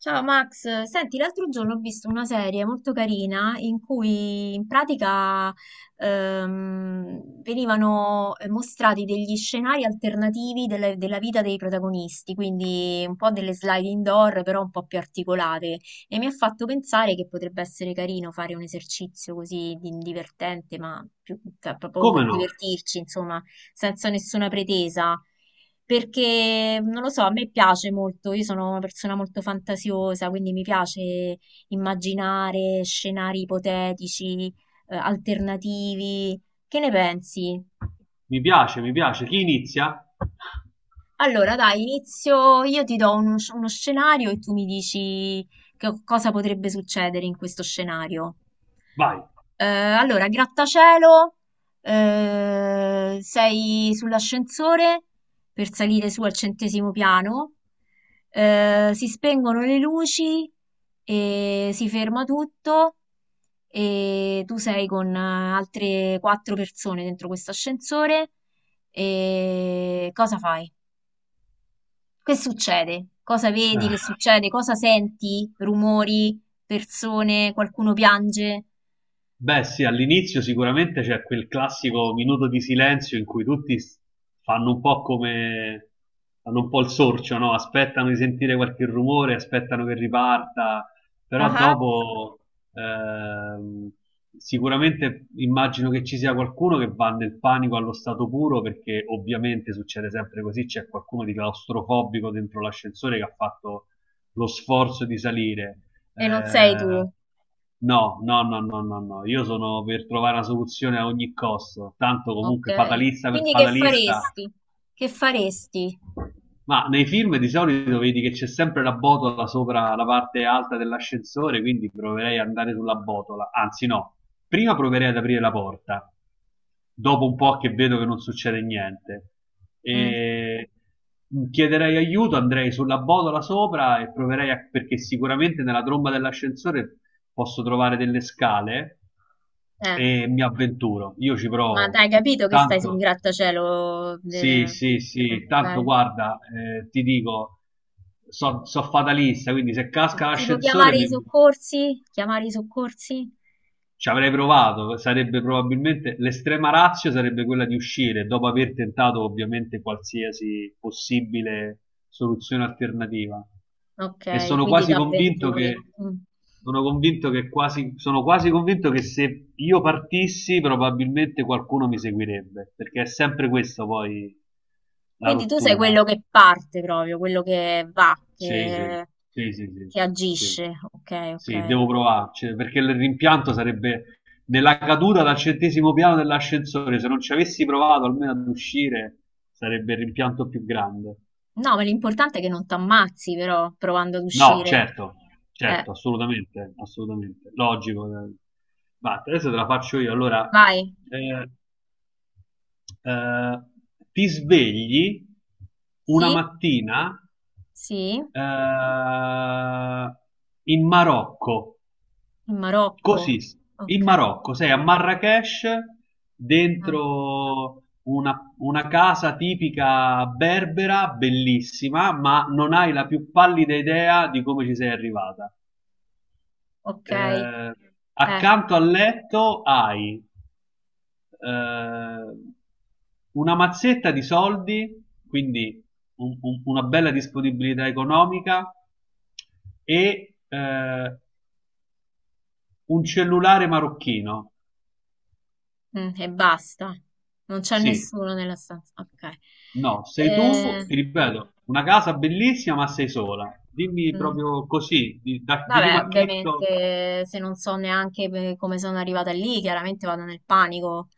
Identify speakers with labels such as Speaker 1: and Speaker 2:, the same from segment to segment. Speaker 1: Ciao Max, senti, l'altro giorno ho visto una serie molto carina in cui in pratica venivano mostrati degli scenari alternativi della vita dei protagonisti, quindi un po' delle slide indoor, però un po' più articolate. E mi ha fatto pensare che potrebbe essere carino fare un esercizio così divertente, ma più, cioè, proprio per
Speaker 2: Come no,
Speaker 1: divertirci, insomma, senza nessuna pretesa, perché non lo so, a me piace molto, io sono una persona molto fantasiosa, quindi mi piace immaginare scenari ipotetici, alternativi. Che ne pensi?
Speaker 2: mi piace, chi inizia?
Speaker 1: Allora, dai, inizio, io ti do uno, uno scenario e tu mi dici che cosa potrebbe succedere in questo scenario.
Speaker 2: Vai!
Speaker 1: Allora, grattacielo, sei sull'ascensore per salire su al centesimo piano, si spengono le luci e si ferma tutto e tu sei con altre quattro persone dentro questo ascensore e cosa fai? Che succede? Cosa vedi? Che
Speaker 2: Eh,
Speaker 1: succede? Cosa senti? Rumori, persone, qualcuno piange?
Speaker 2: Beh, sì, all'inizio sicuramente c'è quel classico minuto di silenzio in cui fanno un po' come fanno un po' il sorcio, no? Aspettano di sentire qualche rumore, aspettano che riparta, però
Speaker 1: Ah.
Speaker 2: dopo ehm, sicuramente immagino che ci sia qualcuno che va nel panico allo stato puro perché ovviamente succede sempre così, c'è qualcuno di claustrofobico dentro l'ascensore che ha fatto lo sforzo di salire.
Speaker 1: E non sei tu.
Speaker 2: eh, no, no, no, no, no, no. Io sono per trovare una soluzione a ogni costo. Tanto
Speaker 1: Ok.
Speaker 2: comunque fatalista per
Speaker 1: Quindi che
Speaker 2: fatalista.
Speaker 1: faresti? Che faresti?
Speaker 2: Ma nei film di solito vedi che c'è sempre la botola sopra la parte alta dell'ascensore, quindi proverei ad andare sulla botola. Anzi, no, prima proverei ad aprire la porta dopo un po' che vedo che non succede niente.
Speaker 1: Mm.
Speaker 2: E chiederei aiuto, andrei sulla botola sopra e proverei a, perché sicuramente nella tromba dell'ascensore posso trovare delle scale
Speaker 1: Eh,
Speaker 2: e mi avventuro. Io ci
Speaker 1: ma
Speaker 2: provo.
Speaker 1: hai capito che stai su un
Speaker 2: Tanto,
Speaker 1: grattacielo?
Speaker 2: sì, sì, sì, tanto
Speaker 1: Ok.
Speaker 2: guarda, ti dico, so, so fatalista, quindi se casca
Speaker 1: Tipo
Speaker 2: l'ascensore
Speaker 1: chiamare i
Speaker 2: mi...
Speaker 1: soccorsi? Chiamare i soccorsi?
Speaker 2: Ci avrei provato, sarebbe probabilmente l'estrema ratio sarebbe quella di uscire dopo aver tentato ovviamente qualsiasi possibile soluzione alternativa. E
Speaker 1: Ok,
Speaker 2: sono
Speaker 1: quindi ti
Speaker 2: quasi convinto che
Speaker 1: avventuri. Mm.
Speaker 2: sono convinto che quasi sono quasi convinto che se io partissi probabilmente qualcuno mi seguirebbe, perché è sempre questa poi la
Speaker 1: Quindi tu sei
Speaker 2: rottura.
Speaker 1: quello che parte proprio, quello che va,
Speaker 2: Sì, sì, sì, sì, sì,
Speaker 1: che
Speaker 2: sì,
Speaker 1: agisce. Ok,
Speaker 2: sì,
Speaker 1: ok.
Speaker 2: devo provarci, perché il rimpianto sarebbe della caduta dal centesimo piano dell'ascensore, se non ci avessi provato almeno ad uscire, sarebbe il rimpianto più grande.
Speaker 1: No, ma l'importante è che non ti ammazzi, però, provando ad
Speaker 2: No,
Speaker 1: uscire.
Speaker 2: certo,
Speaker 1: Eh,
Speaker 2: certo, assolutamente, assolutamente, logico. Ma adesso te la faccio io, allora,
Speaker 1: vai.
Speaker 2: eh, eh, ti svegli una
Speaker 1: Sì?
Speaker 2: mattina
Speaker 1: Sì? In
Speaker 2: eh, in Marocco.
Speaker 1: Marocco.
Speaker 2: Così, in
Speaker 1: Ok,
Speaker 2: Marocco, sei a Marrakech, dentro una casa tipica berbera, bellissima, ma non hai la più pallida idea di come ci sei arrivata.
Speaker 1: ok.
Speaker 2: Eh, accanto al letto hai eh, una mazzetta di soldi, quindi una bella disponibilità economica e un cellulare marocchino.
Speaker 1: Mm, e basta. Non c'è
Speaker 2: Sì,
Speaker 1: nessuno nella stanza. Ok.
Speaker 2: no, sei tu,
Speaker 1: Eh,
Speaker 2: ti ripeto, una casa bellissima, ma sei sola. Dimmi
Speaker 1: mm.
Speaker 2: proprio così, di primo
Speaker 1: Vabbè,
Speaker 2: acchitto,
Speaker 1: ovviamente se non so neanche come sono arrivata lì, chiaramente vado nel panico,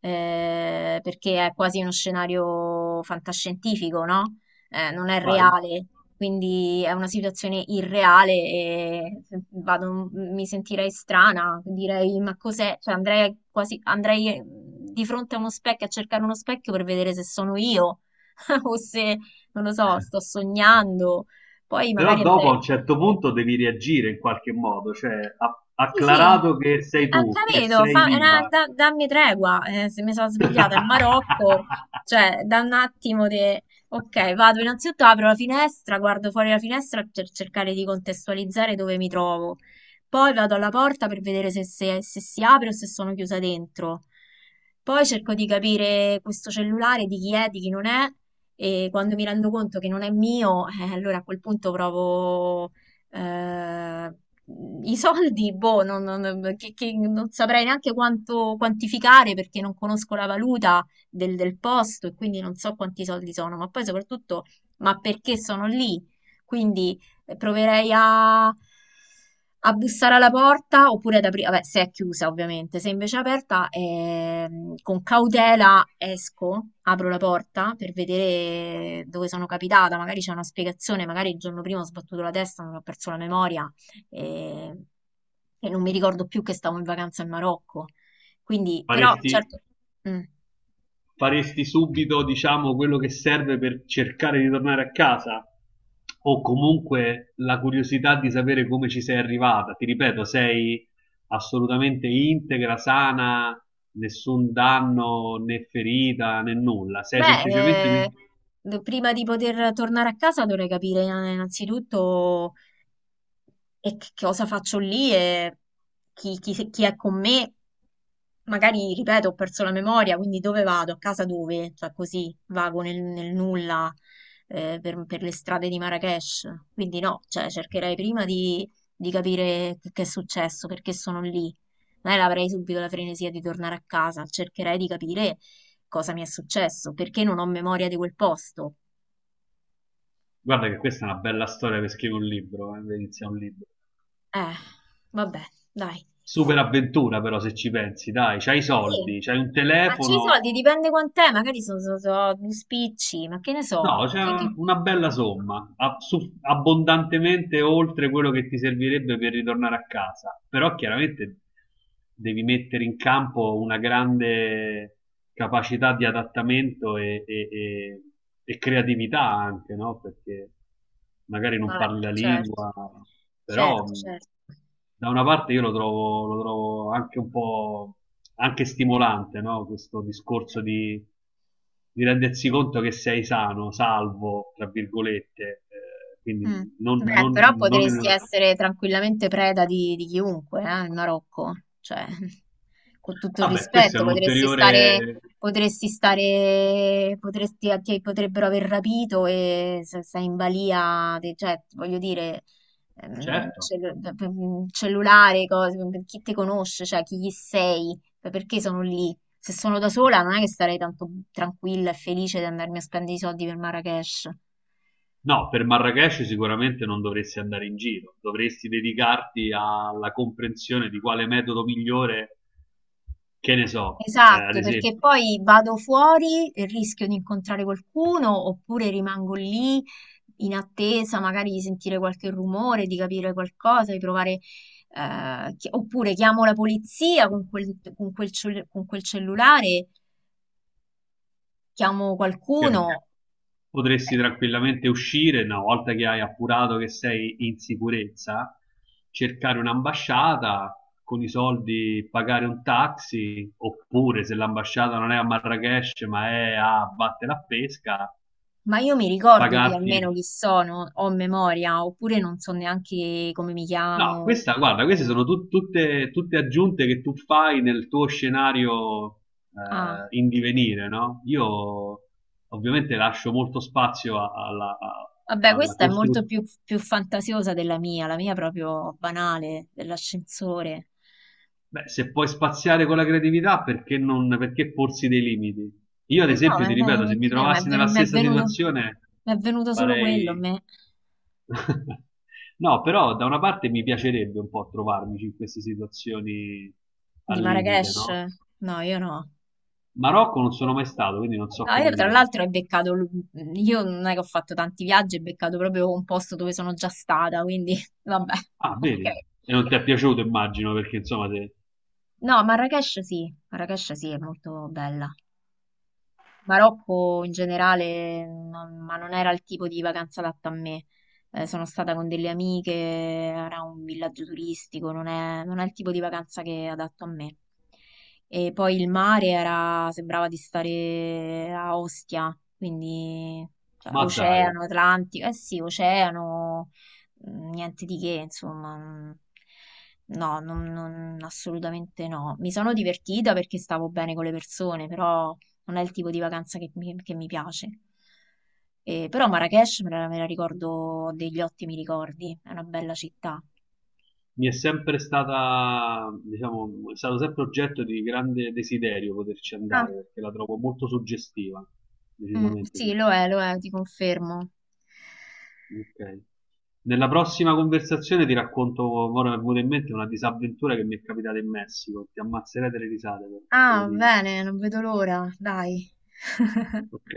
Speaker 1: perché è quasi uno scenario fantascientifico, no? Non è
Speaker 2: vai.
Speaker 1: reale, quindi è una situazione irreale e mi sentirei strana, direi, ma cos'è? Cioè, andrei quasi, andrei di fronte a uno specchio, a cercare uno specchio per vedere se sono io, o se, non lo so, sto sognando. Poi
Speaker 2: Però
Speaker 1: magari
Speaker 2: dopo
Speaker 1: andrei.
Speaker 2: a un certo punto devi reagire in qualche modo, cioè,
Speaker 1: Sì, sì,
Speaker 2: acclarato che sei
Speaker 1: ho
Speaker 2: tu, che
Speaker 1: capito,
Speaker 2: sei viva.
Speaker 1: dammi tregua, se mi sono svegliata in Marocco, cioè da un attimo di... Ok, vado innanzitutto, apro la finestra, guardo fuori la finestra per cercare di contestualizzare dove mi trovo, poi vado alla porta per vedere se, se si apre o se sono chiusa dentro, poi cerco di capire questo cellulare di chi è, di chi non è, e quando mi rendo conto che non è mio, allora a quel punto provo... eh, i soldi, boh, che non saprei neanche quanto quantificare perché non conosco la valuta del posto e quindi non so quanti soldi sono, ma poi soprattutto, ma perché sono lì? Quindi proverei a, a bussare alla porta oppure ad aprire, vabbè, se è chiusa ovviamente, se invece è aperta, con cautela esco, apro la porta per vedere dove sono capitata, magari c'è una spiegazione, magari il giorno prima ho sbattuto la testa, non ho perso la memoria e, e non mi ricordo più che stavo in vacanza in Marocco. Quindi, però,
Speaker 2: Faresti
Speaker 1: certo, mm.
Speaker 2: faresti subito, diciamo, quello che serve per cercare di tornare a casa? O comunque la curiosità di sapere come ci sei arrivata? Ti ripeto, sei assolutamente integra, sana, nessun danno né ferita né nulla. Sei
Speaker 1: Beh,
Speaker 2: semplicemente.
Speaker 1: prima di poter tornare a casa dovrei capire innanzitutto che cosa faccio lì e chi, chi è con me, magari, ripeto, ho perso la memoria, quindi dove vado? A casa dove? Cioè così vago nel nulla per le strade di Marrakesh. Quindi no, cioè cercherei prima di capire che è successo, perché sono lì. Non è che avrei subito la frenesia di tornare a casa, cercherei di capire cosa mi è successo, perché non ho memoria di quel posto.
Speaker 2: Guarda che questa è una bella storia per scrivere un libro, per iniziare un libro.
Speaker 1: Eh, vabbè, dai.
Speaker 2: Super avventura, però, se ci pensi, dai, c'hai i
Speaker 1: Sì,
Speaker 2: soldi, c'hai un
Speaker 1: ma c'hai i
Speaker 2: telefono.
Speaker 1: soldi, dipende quant'è, magari sono due spicci, ma che ne so.
Speaker 2: No,
Speaker 1: Ma
Speaker 2: una bella somma, abbondantemente oltre quello che ti servirebbe per ritornare a casa, però chiaramente devi mettere in campo una grande capacità di adattamento e e creatività anche, no? Perché magari non
Speaker 1: vabbè,
Speaker 2: parli la
Speaker 1: certo,
Speaker 2: lingua, però
Speaker 1: certo, certo.
Speaker 2: da una parte io lo trovo anche un po' anche stimolante, no? Questo discorso di rendersi conto che sei sano, salvo, tra virgolette, quindi
Speaker 1: Mm.
Speaker 2: non,
Speaker 1: Beh,
Speaker 2: non-
Speaker 1: però
Speaker 2: non in
Speaker 1: potresti
Speaker 2: una...
Speaker 1: essere tranquillamente preda di chiunque, in Marocco. Cioè, con tutto il
Speaker 2: Vabbè, questo è
Speaker 1: rispetto,
Speaker 2: un
Speaker 1: potresti stare,
Speaker 2: ulteriore...
Speaker 1: potresti stare, potresti, ti potrebbero aver rapito e se sei in balia, cioè, voglio dire, ehm,
Speaker 2: Certo.
Speaker 1: cellu- cellulare, cose, chi ti conosce, cioè, chi gli sei, perché sono lì. Se sono da sola non è che sarei tanto tranquilla e felice di andarmi a spendere i soldi per Marrakesh.
Speaker 2: No, per Marrakesh sicuramente non dovresti andare in giro, dovresti dedicarti alla comprensione di quale metodo migliore, che ne so, ad
Speaker 1: Esatto, perché
Speaker 2: esempio.
Speaker 1: poi vado fuori e rischio di incontrare qualcuno oppure rimango lì in attesa magari di sentire qualche rumore, di capire qualcosa, di provare, oppure chiamo la polizia con quel, con quel cellulare, chiamo
Speaker 2: Perché
Speaker 1: qualcuno,
Speaker 2: no?
Speaker 1: eh,
Speaker 2: Potresti tranquillamente uscire, una volta che hai appurato che sei in sicurezza, cercare un'ambasciata, con i soldi pagare un taxi, oppure se l'ambasciata non è a Marrakech ma è a Batte la Pesca,
Speaker 1: ma io mi ricordo chi,
Speaker 2: pagarti.
Speaker 1: almeno chi sono, ho memoria, oppure non so neanche come mi
Speaker 2: No,
Speaker 1: chiamo.
Speaker 2: questa, guarda, queste sono tutte, tutte aggiunte che tu fai nel tuo scenario
Speaker 1: Ah.
Speaker 2: in divenire, no? Io ovviamente lascio molto spazio alla,
Speaker 1: Vabbè,
Speaker 2: alla
Speaker 1: questa è molto
Speaker 2: costruzione.
Speaker 1: più, più fantasiosa della mia, la mia è proprio banale, dell'ascensore.
Speaker 2: Beh, se puoi spaziare con la creatività, perché non, perché porsi dei limiti? Io, ad
Speaker 1: Eh no,
Speaker 2: esempio, ti ripeto, se mi
Speaker 1: capito,
Speaker 2: trovassi nella stessa situazione,
Speaker 1: mi è venuto solo quello, a
Speaker 2: farei...
Speaker 1: me,
Speaker 2: No, però da una parte mi piacerebbe un po' trovarmi in queste situazioni
Speaker 1: di
Speaker 2: al limite,
Speaker 1: Marrakesh.
Speaker 2: no?
Speaker 1: No, io no.
Speaker 2: Marocco non sono mai stato, quindi non so
Speaker 1: No, io
Speaker 2: come
Speaker 1: tra
Speaker 2: sia.
Speaker 1: l'altro ho beccato, io non è che ho fatto tanti viaggi, ho beccato proprio un posto dove sono già stata, quindi vabbè,
Speaker 2: Ah,
Speaker 1: ok.
Speaker 2: vedi? E non ti è piaciuto, immagino, perché insomma te...
Speaker 1: No, Marrakesh sì, è molto bella. Marocco in generale, ma non era il tipo di vacanza adatta a me. Sono stata con delle amiche, era un villaggio turistico, non è il tipo di vacanza che è adatto a me. E poi il mare era, sembrava di stare a Ostia, quindi cioè,
Speaker 2: Ma dai,
Speaker 1: oceano, Atlantico, eh sì, oceano, mm, niente di che, insomma. Mm. No, assolutamente no. Mi sono divertita perché stavo bene con le persone, però non è il tipo di vacanza che mi piace. Però Marrakech me la ricordo, ho degli ottimi ricordi, è una bella città.
Speaker 2: mi è sempre stata, diciamo, è stato sempre oggetto di grande desiderio poterci
Speaker 1: Ah,
Speaker 2: andare, perché la trovo molto suggestiva,
Speaker 1: mm,
Speaker 2: decisamente
Speaker 1: sì,
Speaker 2: suggestiva.
Speaker 1: lo è, ti confermo.
Speaker 2: Ok. Nella prossima conversazione ti racconto, ora mi è venuta in mente una disavventura che mi è capitata in Messico, ti ammazzerete le risate, te lo
Speaker 1: Ah,
Speaker 2: dico.
Speaker 1: bene, non vedo l'ora, dai.
Speaker 2: Ok.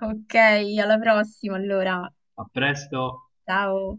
Speaker 1: Ok, alla prossima allora.
Speaker 2: A presto.
Speaker 1: Ciao.